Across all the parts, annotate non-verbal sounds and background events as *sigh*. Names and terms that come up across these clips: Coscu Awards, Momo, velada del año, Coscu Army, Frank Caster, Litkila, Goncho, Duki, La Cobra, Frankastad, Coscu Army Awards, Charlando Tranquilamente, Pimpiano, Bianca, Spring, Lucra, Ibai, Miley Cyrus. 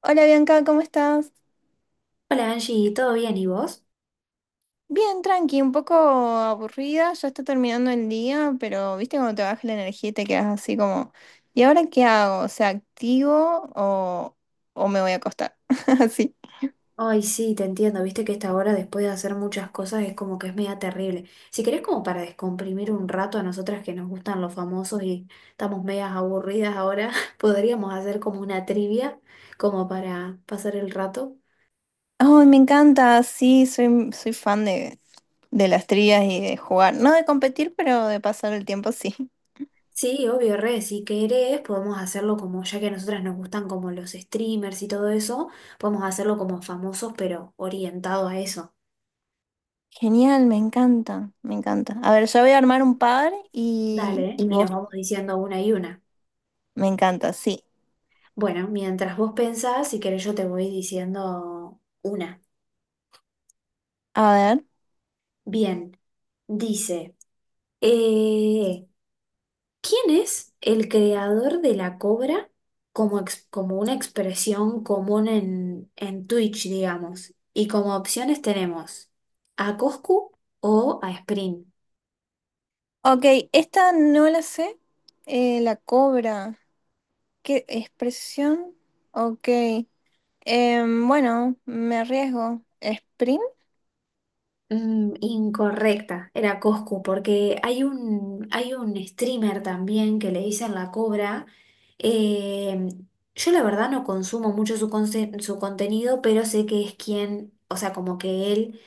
Hola Bianca, ¿cómo estás? Hola Angie, ¿todo bien? ¿Y vos? Bien, tranqui, un poco aburrida, ya está terminando el día, pero viste cuando te baja la energía y te quedas así como, ¿y ahora qué hago? O sea, ¿activo o me voy a acostar? *laughs* Así. Ay, sí, te entiendo, viste que esta hora después de hacer muchas cosas es como que es media terrible. Si querés como para descomprimir un rato a nosotras que nos gustan los famosos y estamos medias aburridas ahora, *laughs* podríamos hacer como una trivia, como para pasar el rato. Ay, me encanta, sí, soy fan de las trías y de jugar. No de competir, pero de pasar el tiempo, sí. Sí, obvio, re, si querés podemos hacerlo como, ya que a nosotras nos gustan como los streamers y todo eso, podemos hacerlo como famosos pero orientado a eso. Genial, me encanta, me encanta. A ver, yo voy a armar un par y, Dale. y Y nos vos, vamos diciendo una y una. me encanta, sí. Bueno, mientras vos pensás, si querés yo te voy diciendo una. A ver. Bien, dice, eh, ¿quién es el creador de la cobra como, como una expresión común en Twitch, digamos? Y como opciones tenemos a Coscu o a Spring. Ok, esta no la sé. La cobra. ¿Qué expresión? Ok. Bueno, me arriesgo. ¿Sprint? Mm, incorrecta, era Coscu, porque hay un streamer también que le dicen La Cobra. Eh, yo la verdad no consumo mucho su, su contenido, pero sé que es quien, o sea, como que él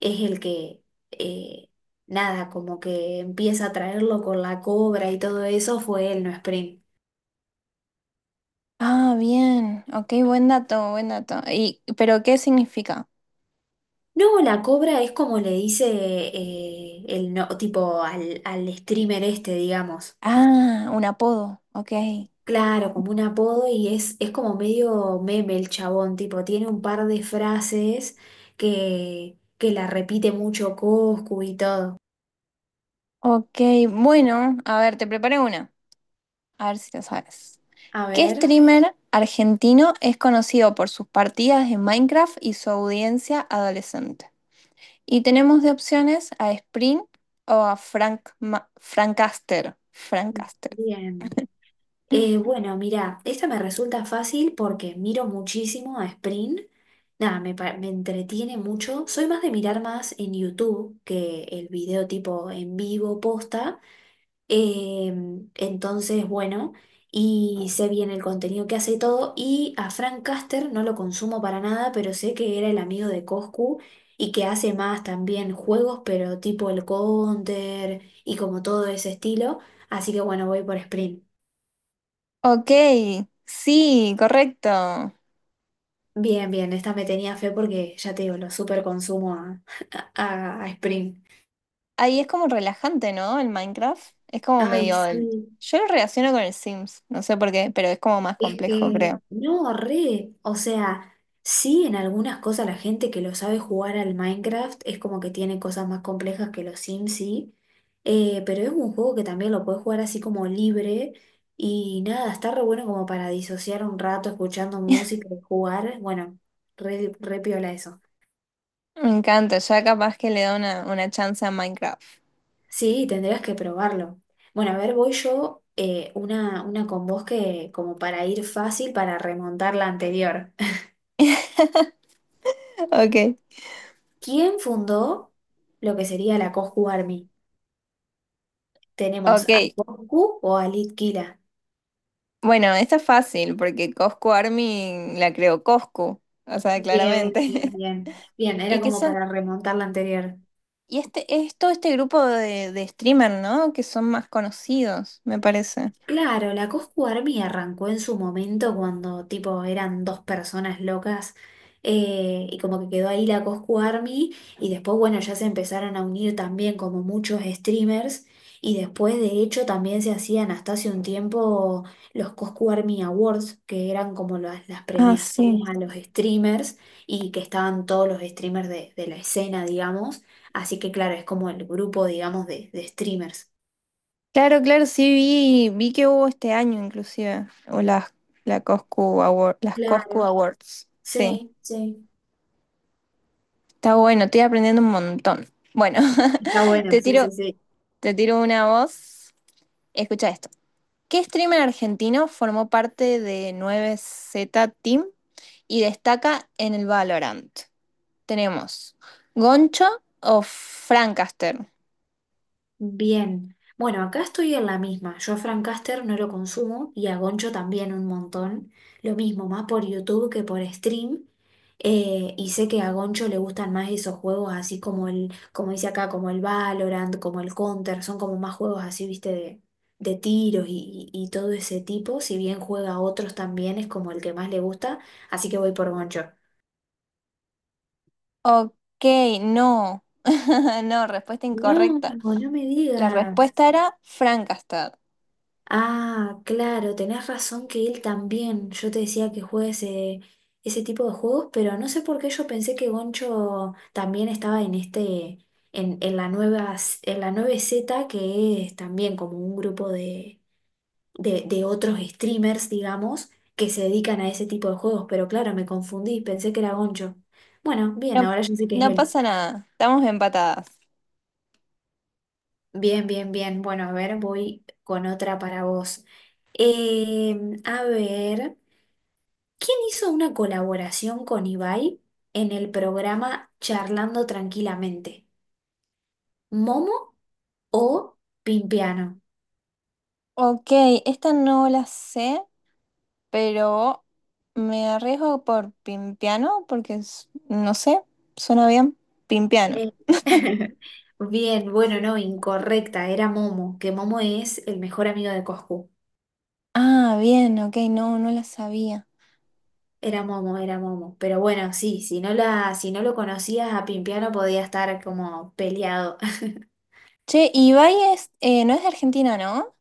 es el que, eh, nada, como que empieza a traerlo con La Cobra y todo eso, fue él, no Spring. Ah, bien. Ok, buen dato, buen dato. Y ¿pero qué significa? No, La Cobra es como le dice el no, tipo al streamer este, digamos. Ah, un apodo. Ok. Claro, como un apodo y es como medio meme el chabón, tipo, tiene un par de frases que la repite mucho Coscu y todo. Ok, bueno, a ver, te preparé una. A ver si lo sabes. A ¿Qué ver, streamer argentino es conocido por sus partidas en Minecraft y su audiencia adolescente? Y tenemos de opciones a Spring o a Frank Caster. Frank Caster. bien. Bueno, mira, esta me resulta fácil porque miro muchísimo a Sprint. Nada, me entretiene mucho. Soy más de mirar más en YouTube que el video tipo en vivo posta. Entonces, bueno, y sé bien el contenido que hace y todo. Y a Frank Caster no lo consumo para nada, pero sé que era el amigo de Coscu y que hace más también juegos, pero tipo el Counter y como todo ese estilo. Así que bueno, voy por Sprint. Ok, sí, correcto. Bien, bien, esta me tenía fe porque ya te digo, lo super consumo a *laughs* a Sprint. Ahí es como relajante, ¿no? El Minecraft. Es como Ay, medio el- sí. Yo lo relaciono con el Sims, no sé por qué, pero es como más Es complejo, que, creo. no, re, o sea, sí en algunas cosas la gente que lo sabe jugar al Minecraft es como que tiene cosas más complejas que los Sims, sí, pero es un juego que también lo puedes jugar así como libre y nada, está re bueno como para disociar un rato escuchando música y jugar, bueno, re, re piola eso. Me encanta, ya capaz que le da una chance a Minecraft. Sí, tendrías que probarlo. Bueno, a ver, voy yo una con vos que como para ir fácil para remontar la anterior. Ok, ¿Quién fundó lo que sería la Coscu Army? Tenemos ok. a Coscu o a Litkila. Bueno, esta es fácil porque Coscu Army la creó Coscu, o sea, Bien, bien, claramente. bien. Bien, *laughs* ¿Y era qué como son? para remontar la anterior. Y este es todo este grupo de streamer, ¿no? Que son más conocidos, me parece. Claro, la Coscu Army arrancó en su momento cuando tipo eran dos personas locas y como que quedó ahí la Coscu Army y después bueno ya se empezaron a unir también como muchos streamers y después de hecho también se hacían hasta hace un tiempo los Coscu Army Awards que eran como las Ah, sí. premiaciones a los streamers y que estaban todos los streamers de la escena digamos, así que claro es como el grupo digamos de streamers. Claro, claro, sí vi que hubo este año inclusive. O las, la Coscu Award, las Coscu Claro, Awards. Sí. sí, sí. Está bueno, estoy aprendiendo un montón. Bueno, Está *laughs* bueno, te sí, sí, tiro, sí. te tiro una voz. Escucha esto. ¿Qué streamer argentino formó parte de 9z Team y destaca en el Valorant? Tenemos Goncho o Francaster. Bien. Bueno, acá estoy en la misma. Yo a Frank Caster no lo consumo y a Goncho también un montón. Lo mismo, más por YouTube que por stream. Y sé que a Goncho le gustan más esos juegos así como el, como dice acá, como el Valorant, como el Counter. Son como más juegos así, viste, de tiros y todo ese tipo. Si bien juega a otros también, es como el que más le gusta. Así que voy por Goncho. Ok, no. *laughs* No, respuesta No, incorrecta. no me La digas. respuesta era Frankastad. Ah, claro, tenés razón que él también. Yo te decía que juegue ese, ese tipo de juegos, pero no sé por qué yo pensé que Goncho también estaba en este, en la nueva, en la nueve z que es también como un grupo de otros streamers, digamos, que se dedican a ese tipo de juegos. Pero claro, me confundí, pensé que era Goncho. Bueno, bien, No, ahora yo sé que es no él. pasa nada, estamos empatadas. Bien, bien, bien. Bueno, a ver, voy con otra para vos. A ver. ¿Quién hizo una colaboración con Ibai en el programa Charlando Tranquilamente? ¿Momo o Pimpiano? Ok, esta no la sé, pero me arriesgo por Pimpiano porque es- no sé, suena bien. Pimpiano. Eh, *laughs* bien, bueno, no, incorrecta, era Momo, que Momo es el mejor amigo de Coscu. Ah, bien, ok, no, no la sabía. Era Momo, era Momo. Pero bueno, sí, si no lo conocías a Pimpiano podía estar como peleado. *laughs* Che, Ibai es, no es de Argentina, ¿no?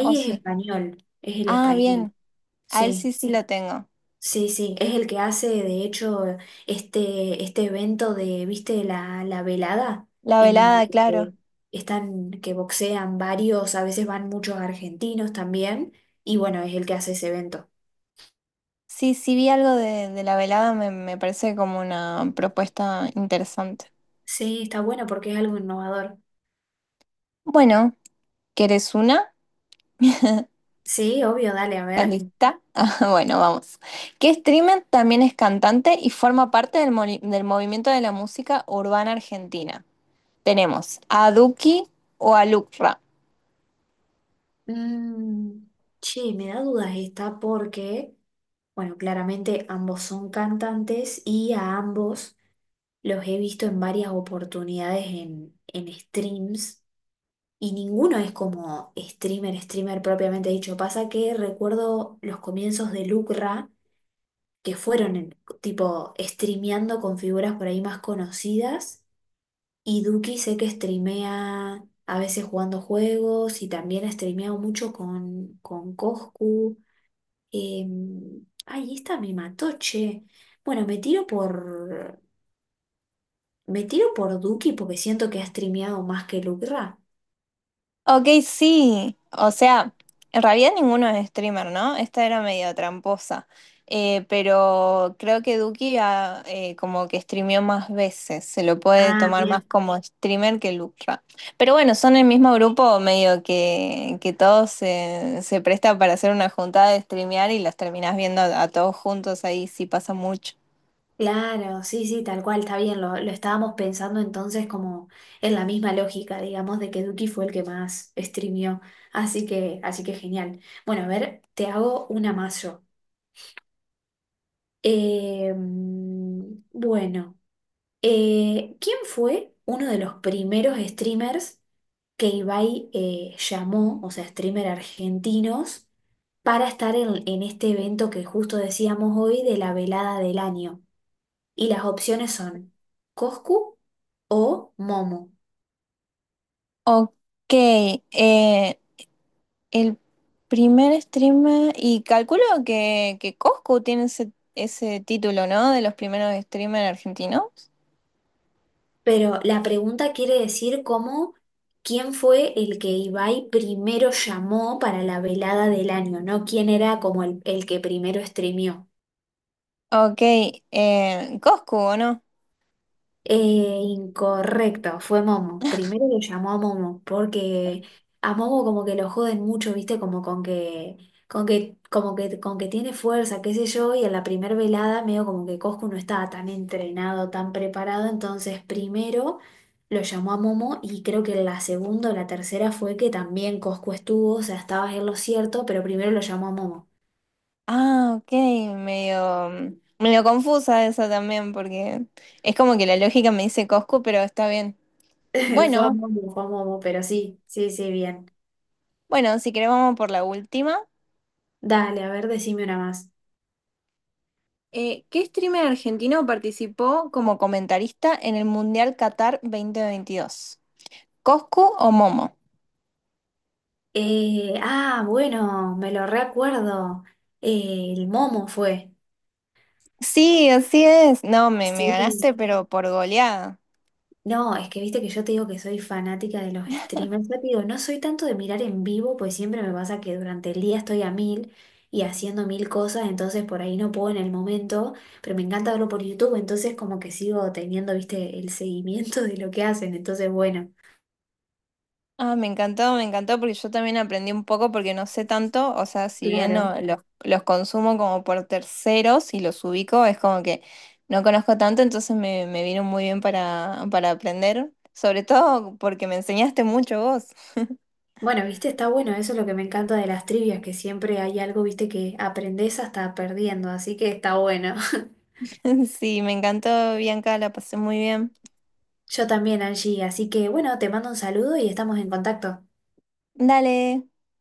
¿O es sí? español, es el Ah, español. bien, a él Sí. sí, sí lo tengo. Sí, sí, es el que hace, de hecho, este evento de, ¿viste? La velada, La en donde velada, claro. eh, están, que boxean varios, a veces van muchos argentinos también, y bueno, es el que hace ese evento. Sí, sí vi algo de la velada, me parece como una propuesta interesante. Sí, está bueno porque es algo innovador. Bueno, ¿querés una? Sí, obvio, dale, a ¿Estás ver. lista? *laughs* Ah, bueno, vamos. Que streamer también es cantante y forma parte del movimiento de la música urbana argentina. Tenemos a Duki o a Lucra. Mm, che, me da dudas esta porque, bueno, claramente ambos son cantantes y a ambos los he visto en varias oportunidades en streams. Y ninguno es como streamer, streamer propiamente dicho. Pasa que recuerdo los comienzos de Lucra, que tipo streameando con figuras por ahí más conocidas. Y Duki sé que streamea a veces jugando juegos y también ha streameado mucho con Coscu. Eh, ay, esta me mató, che. Bueno, me tiro por Duki porque siento que ha streameado más que Lucra. Ok, sí. O sea, en realidad ninguno es streamer, ¿no? Esta era medio tramposa. Pero creo que Duki ah, como que streameó más veces. Se lo puede Ah, tomar más bien. como streamer que Lucra. Pero bueno, son el mismo grupo, medio que todos se presta para hacer una juntada de streamear y los terminás viendo a todos juntos ahí, sí pasa mucho. Claro, sí, sí, tal cual, está bien. Lo estábamos pensando entonces como en la misma lógica, digamos, de que Duki fue el que más streamió. Así que genial. Bueno, a ver, te hago una más yo. Mm, bueno, ¿quién fue uno de los primeros streamers que Ibai llamó, o sea, streamer argentinos, para estar en este evento que justo decíamos hoy de la velada del año? Y las opciones son Coscu o Momo. Ok, eh, el primer streamer, y calculo que Coscu tiene ese, ese título, ¿no? De los primeros streamers argentinos. Pero la pregunta quiere decir cómo, quién fue el que Ibai primero llamó para la velada del año, no quién era como el que primero streameó. Ok, Coscu, ¿o no? Incorrecto, fue Momo. Primero lo llamó a Momo, porque a Momo como que lo joden mucho, viste, como con que, como que, con que tiene fuerza, qué sé yo, y en la primer velada medio como que Coscu no estaba tan entrenado, tan preparado, entonces primero lo llamó a Momo y creo que la segunda o la tercera fue que también Coscu estuvo, o sea, estaba en lo cierto, pero primero lo llamó a Momo. Ah, ok, medio, medio confusa esa también, porque es como que la lógica me dice Coscu, pero está bien. *laughs* Bueno, fue a Momo, pero sí, sí, sí, bien. bueno, si querés vamos por la última. Dale, a ver, decime una más. ¿Qué streamer argentino participó como comentarista en el Mundial Qatar 2022? ¿Coscu o Momo? Ah, bueno, me lo recuerdo. El Momo fue. Sí, así es. No, me Sí. ganaste, pero por goleada. No, es que viste que yo te digo que soy fanática de los streamers. Ya te digo, no soy tanto de mirar en vivo, pues siempre me pasa que durante el día estoy a mil y haciendo mil cosas, entonces por ahí no puedo en el momento, pero me encanta verlo por YouTube, entonces como que sigo teniendo, viste, el seguimiento de lo que hacen. Entonces, bueno, Ah, me encantó porque yo también aprendí un poco porque no sé tanto, o sea, si bien no, claro. Los consumo como por terceros y los ubico, es como que no conozco tanto, entonces me vino muy bien para aprender, sobre todo porque me enseñaste mucho vos. Bueno, viste, está bueno, eso es lo que me encanta de las trivias, que siempre hay algo, viste, que aprendés hasta perdiendo, así que está bueno. *laughs* *laughs* Sí, me encantó, Bianca, la pasé muy bien. Yo también, Angie, así que bueno, te mando un saludo y estamos en contacto. Dale.